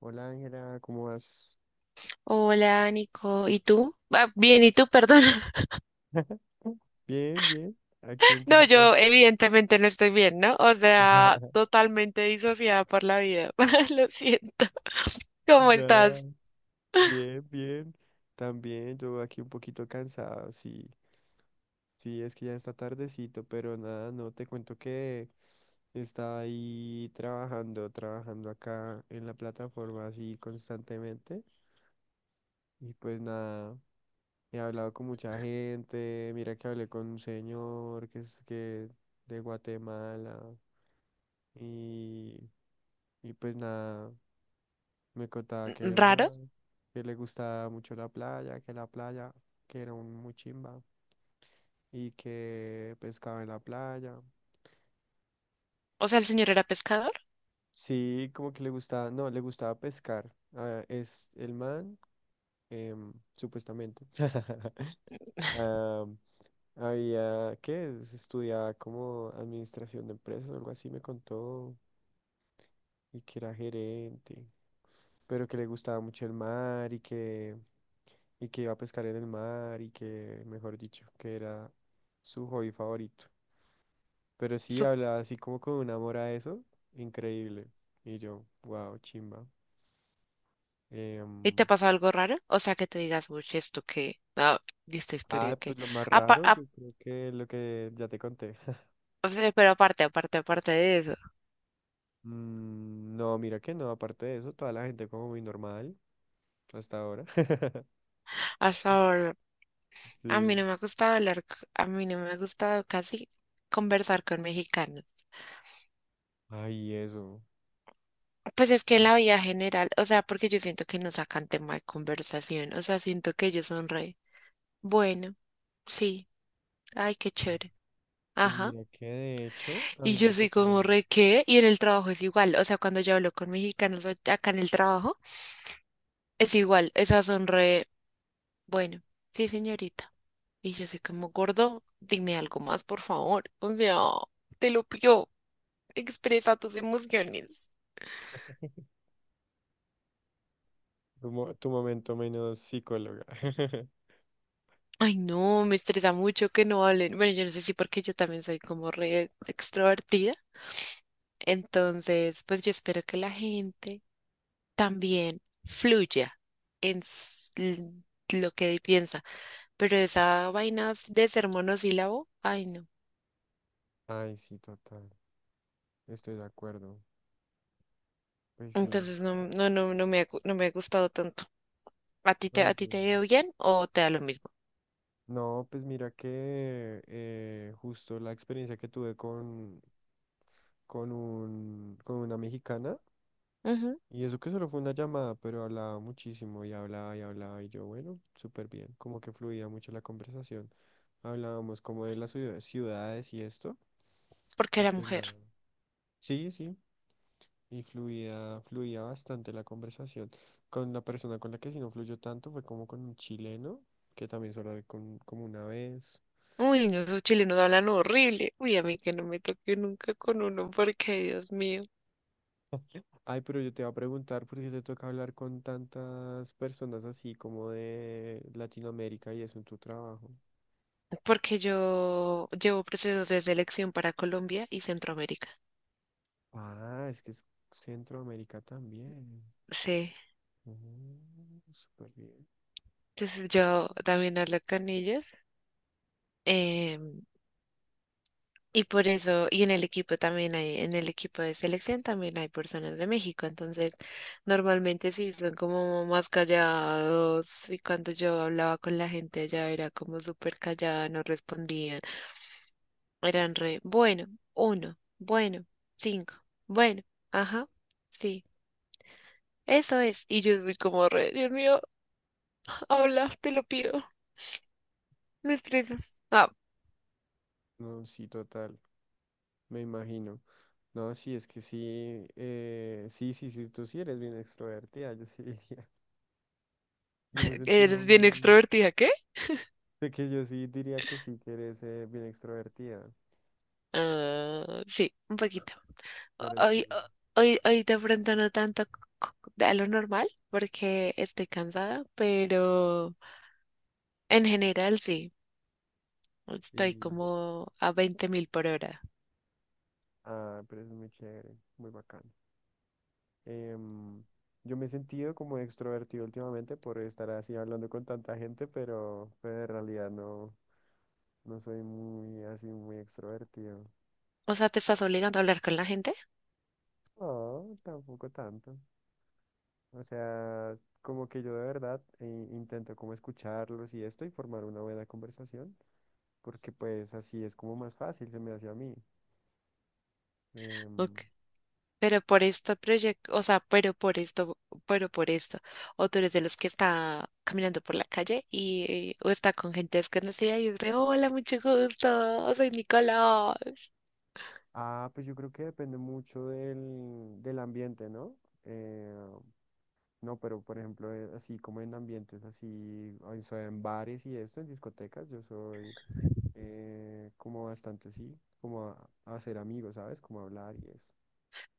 Hola Ángela, ¿cómo vas? Hola, Nico. ¿Y tú? Ah, bien, ¿y tú? Perdón. Bien, bien. Aquí un No, poquito así. yo evidentemente no estoy bien, ¿no? O sea, totalmente disociada por la vida. Lo siento. ¿Cómo estás? Ya, bien, bien. También yo aquí un poquito cansado, sí. Sí, es que ya está tardecito, pero nada, no te cuento que estaba ahí trabajando acá en la plataforma así constantemente. Y pues nada, he hablado con mucha gente. Mira que hablé con un señor que es que de Guatemala. Y Y pues nada, me contaba que ¿Raro? nada, que le gustaba mucho la playa, que era un muy chimba y que pescaba en la playa. O sea, el señor era pescador. Sí, como que le gustaba, no, le gustaba pescar. Ah, es el man, supuestamente. Ah, había, ¿qué? Estudiaba como administración de empresas o algo así, me contó. Y que era gerente, pero que le gustaba mucho el mar y que iba a pescar en el mar y que, mejor dicho, que era su hobby favorito. Pero sí Sup- hablaba así como con un amor a eso, increíble. Y yo, wow, chimba. ¿Y Em, te pasó algo raro? O sea, que te digas, uy, ¿esto qué? Ah, ¿y esta historia ah, qué? pues lo más Apa- raro, ap- yo creo que lo que ya te conté. o sea, pero aparte, aparte, aparte de eso. Mm, no, mira que no, aparte de eso, toda la gente como muy normal hasta ahora. Hasta ahora, a mí Sí. no me ha gustado hablar, a mí no me ha gustado casi conversar con mexicanos. Ay, eso. Pues es que en ¿Por la vida general, o sea, porque yo siento que no sacan tema de conversación, o sea, siento que ellos son re, bueno, sí, ay, qué qué? chévere, Y ajá. mira que de hecho a mí Y yo me soy tocó como re, ¿qué? Y en el trabajo es igual, o sea, cuando yo hablo con mexicanos acá en el trabajo, es igual, esas son re, bueno, sí, señorita. Y yo soy como gordo, dime algo más, por favor, o sea, te lo pido, expresa tus emociones. Tu momento menos psicóloga. Ay, no, me estresa mucho que no hablen. Bueno, yo no sé si porque yo también soy como re extrovertida. Entonces, pues yo espero que la gente también fluya en lo que piensa. Pero esa vaina de ser monosílabo, ay, no. Ay, sí, total. Estoy de acuerdo. Pues sí. Entonces, no, no, no, no me ha, no me ha gustado tanto. ¿A ti te, a Ay, ti te yo- ha ido bien o te da lo mismo? No, pues mira que justo la experiencia que tuve con un, con una mexicana, Ujú, y eso que solo fue una llamada, pero hablaba muchísimo y hablaba y hablaba y yo, bueno, súper bien, como que fluía mucho la conversación. Hablábamos como de las ciudades y esto, porque y era pues mujer. nada. Sí, sí. Y fluía, fluía bastante la conversación. Con la persona con la que sí no fluyó tanto fue como con un chileno, que también solo hablé con, como una vez. Uy, no, esos chilenos hablan horrible. Uy, a mí que no me toque nunca con uno, porque Dios mío. Ay, pero yo te iba a preguntar por qué te toca hablar con tantas personas así como de Latinoamérica y eso en tu trabajo. Porque yo llevo procesos de selección para Colombia y Centroamérica. Ah, es que es Centroamérica también. Sí, Mm, súper bien. entonces yo también hablo con ellos. Em, y por eso, y en el equipo también hay, en el equipo de selección también hay personas de México, entonces normalmente sí son como más callados y cuando yo hablaba con la gente allá era como súper callada, no respondían, eran re, bueno, uno, bueno, cinco, bueno, ajá, sí, eso es, y yo soy como re, Dios mío. Habla, te lo pido. Me estresas. Ah, No, sí, total, me imagino. No, sí, es que sí, sí, sí, sí, tú sí eres bien extrovertida, yo sí. Yo me sentía eres bien muy... extrovertida, ¿qué? De que yo sí diría que sí, que eres bien extrovertida, Ah, sí, un poquito. pero sí. Hoy, hoy, hoy de pronto no tanto a lo normal porque estoy cansada, pero en general sí. Y, Estoy como a 20.000 por hora. ah, pero es muy chévere, muy bacán. Em, yo me he sentido como extrovertido últimamente por estar así hablando con tanta gente, pero en realidad no, no soy muy así, muy extrovertido. O sea, ¿te estás obligando a hablar con la gente? No, tampoco tanto. O sea, como que yo de verdad intento como escucharlos y esto y formar una buena conversación, porque pues así es como más fácil se me hace a mí. Em, Ok. Pero por este proyecto, o sea, pero por esto, o tú eres de los que está caminando por la calle y o está con gente desconocida y es re, hola, mucho gusto, soy Nicolás. ah, pues yo creo que depende mucho del ambiente, ¿no? Eh, no, pero por ejemplo, así como en ambientes así, o sea, en bares y esto, en discotecas, yo soy como bastante así, como a hacer amigos, ¿sabes? Como a hablar y eso.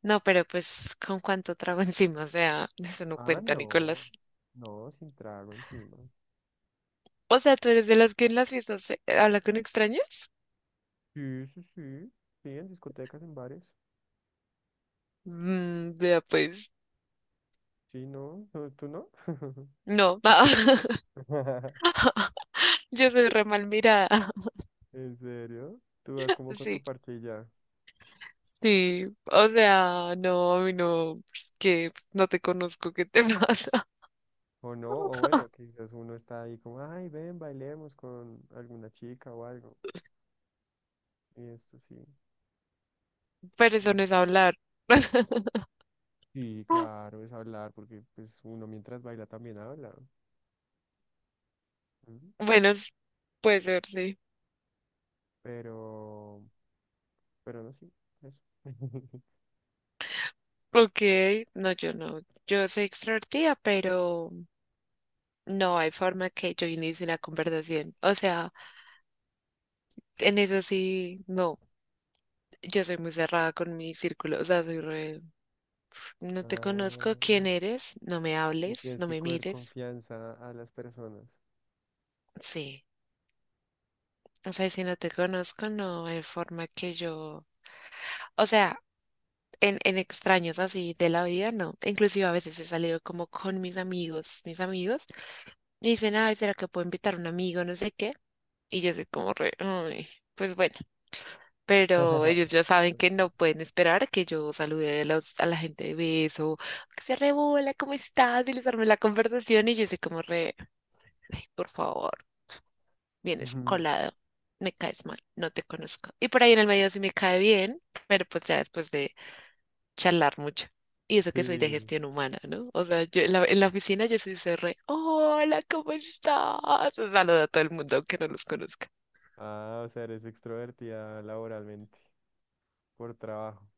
No, pero pues, ¿con cuánto trago encima? O sea, eso no Ah, cuenta, Nicolás. no, no, sin trago encima. O sea, ¿tú eres de los que en las fiestas habla con extraños? Sí, sí, sí, sí, en discotecas, en bares. Mm, vea, pues, Sí, no, no, ¿tú no? no, yo soy re mal mirada. ¿En serio? ¿Tú vas como con tu Sí. parche y ya? Sí, o sea, no, a mí no, pues, que pues, no te conozco, ¿qué te pasa? O no, o bueno, quizás uno está ahí como, ay, ven, bailemos con alguna chica o algo. Y esto sí. Pero eso Mm. no es hablar. Sí, claro, es hablar, porque pues uno mientras baila también habla. Ujú. Bueno, puede ser, sí. Pero, pero no, sí, eso. Ok, no, yo no. Yo soy extrovertida, pero no hay forma que yo inicie una conversación. O sea, en eso sí, no. Yo soy muy cerrada con mi círculo. O sea, soy re... No te conozco, ¿quién Ah, eres? No me le hables, tienes no que me coger mires. confianza a las personas. Sí. O sea, si no te conozco, no hay forma que yo... O sea, en extraños así de la vida, no. Inclusive a veces he salido como con mis amigos, y dicen, ay, ¿será que puedo invitar a un amigo? No sé qué. Y yo soy como re, "Ay, pues bueno". Pero ellos ya saben que no pueden esperar que yo salude a, a la gente de beso, que se rebola, ¿cómo estás? Y les arme la conversación y yo soy como re, ay, por favor, vienes Ujú. colado, me caes mal, no te conozco. Y por ahí en el medio sí me cae bien, pero pues ya después de charlar mucho. Y eso que soy de Sí. gestión humana, ¿no? O sea, yo en la oficina yo sí soy re, hola, ¿cómo estás? Saludo a todo el mundo, aunque no los conozca. Ah, o sea, eres extrovertida laboralmente, por trabajo.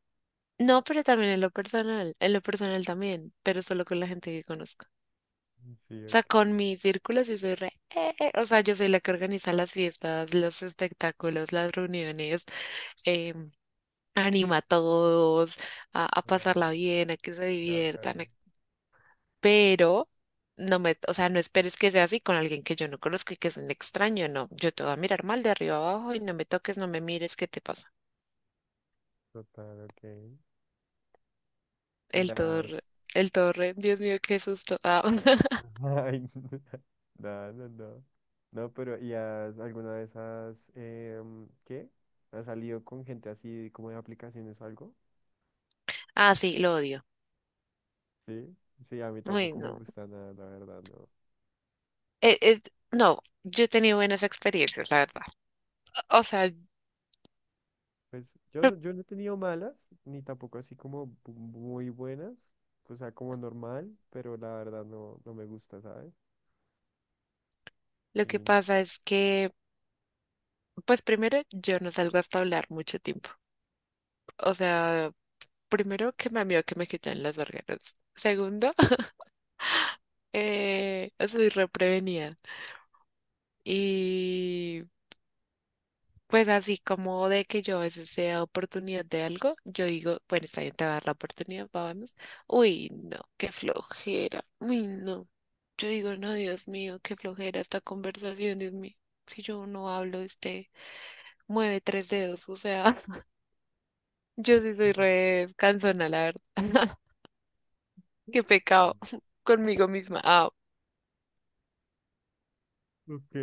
No, pero también en lo personal también, pero solo con la gente que conozco. Sí, O sea, ok. con mi círculo sí soy re, eh", o sea, yo soy la que organiza las fiestas, los espectáculos, las reuniones, em, anima a todos a pasarla Ah, bien, a que se qué diviertan, a, bacano. pero no me, o sea, no esperes que sea así con alguien que yo no conozco y que es un extraño, no, yo te voy a mirar mal de arriba abajo y no me toques, no me mires, ¿qué te pasa? Total, ok. ¿Y El has... torre, el torre, Dios mío, qué susto. Ah, Ay, no, no, no. No, pero ¿y has alguna vez has... em, ¿qué? ¿Has salido con gente así como de aplicaciones o algo? ah, sí, lo odio. Sí, sí, a mí Uy, tampoco me no. gusta nada, la verdad, no. Eh, eh, no, yo he tenido buenas experiencias, la verdad. O sea, Pues yo lo no, yo no he tenido malas, ni tampoco así como muy buenas, o sea, como normal, pero la verdad no, no me gusta, ¿sabes? lo Y que no. pasa es que, pues primero, yo no salgo hasta hablar mucho tiempo. O sea, primero que me amigo que me quitan las vergueras. Segundo, soy reprevenida. Y pues así como de que yo a veces he dado oportunidad de algo, yo digo, bueno, está bien, te va a dar la oportunidad, vamos. Uy, no, qué flojera. Uy, no. Yo digo, no, Dios mío, qué flojera esta conversación, Dios mío. Si yo no hablo, este mueve tres dedos, o sea, yo sí soy Ujú. re cansona, la verdad. Qué Ah, pecado conmigo misma. Ah, ok,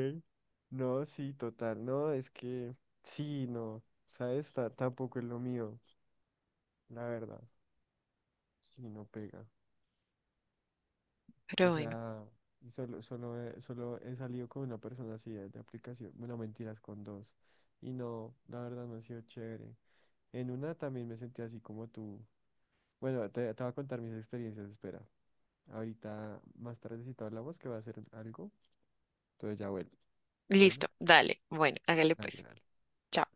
no, sí, total, no, es que sí, no, ¿sabes? Tampoco es lo mío, la verdad, sí, no pega. O pero bueno, sea, y solo, solo, solo he salido con una persona así de aplicación, bueno, mentiras, con dos, y no, la verdad no ha sido chévere. En una también me sentí así como tú. Bueno, te voy a contar mis experiencias, espera. Ahorita, más tardecito hablamos que va a ser algo, entonces ya vuelvo. listo, Bueno, dale. Bueno, hágale dale, pues. dale. Chao.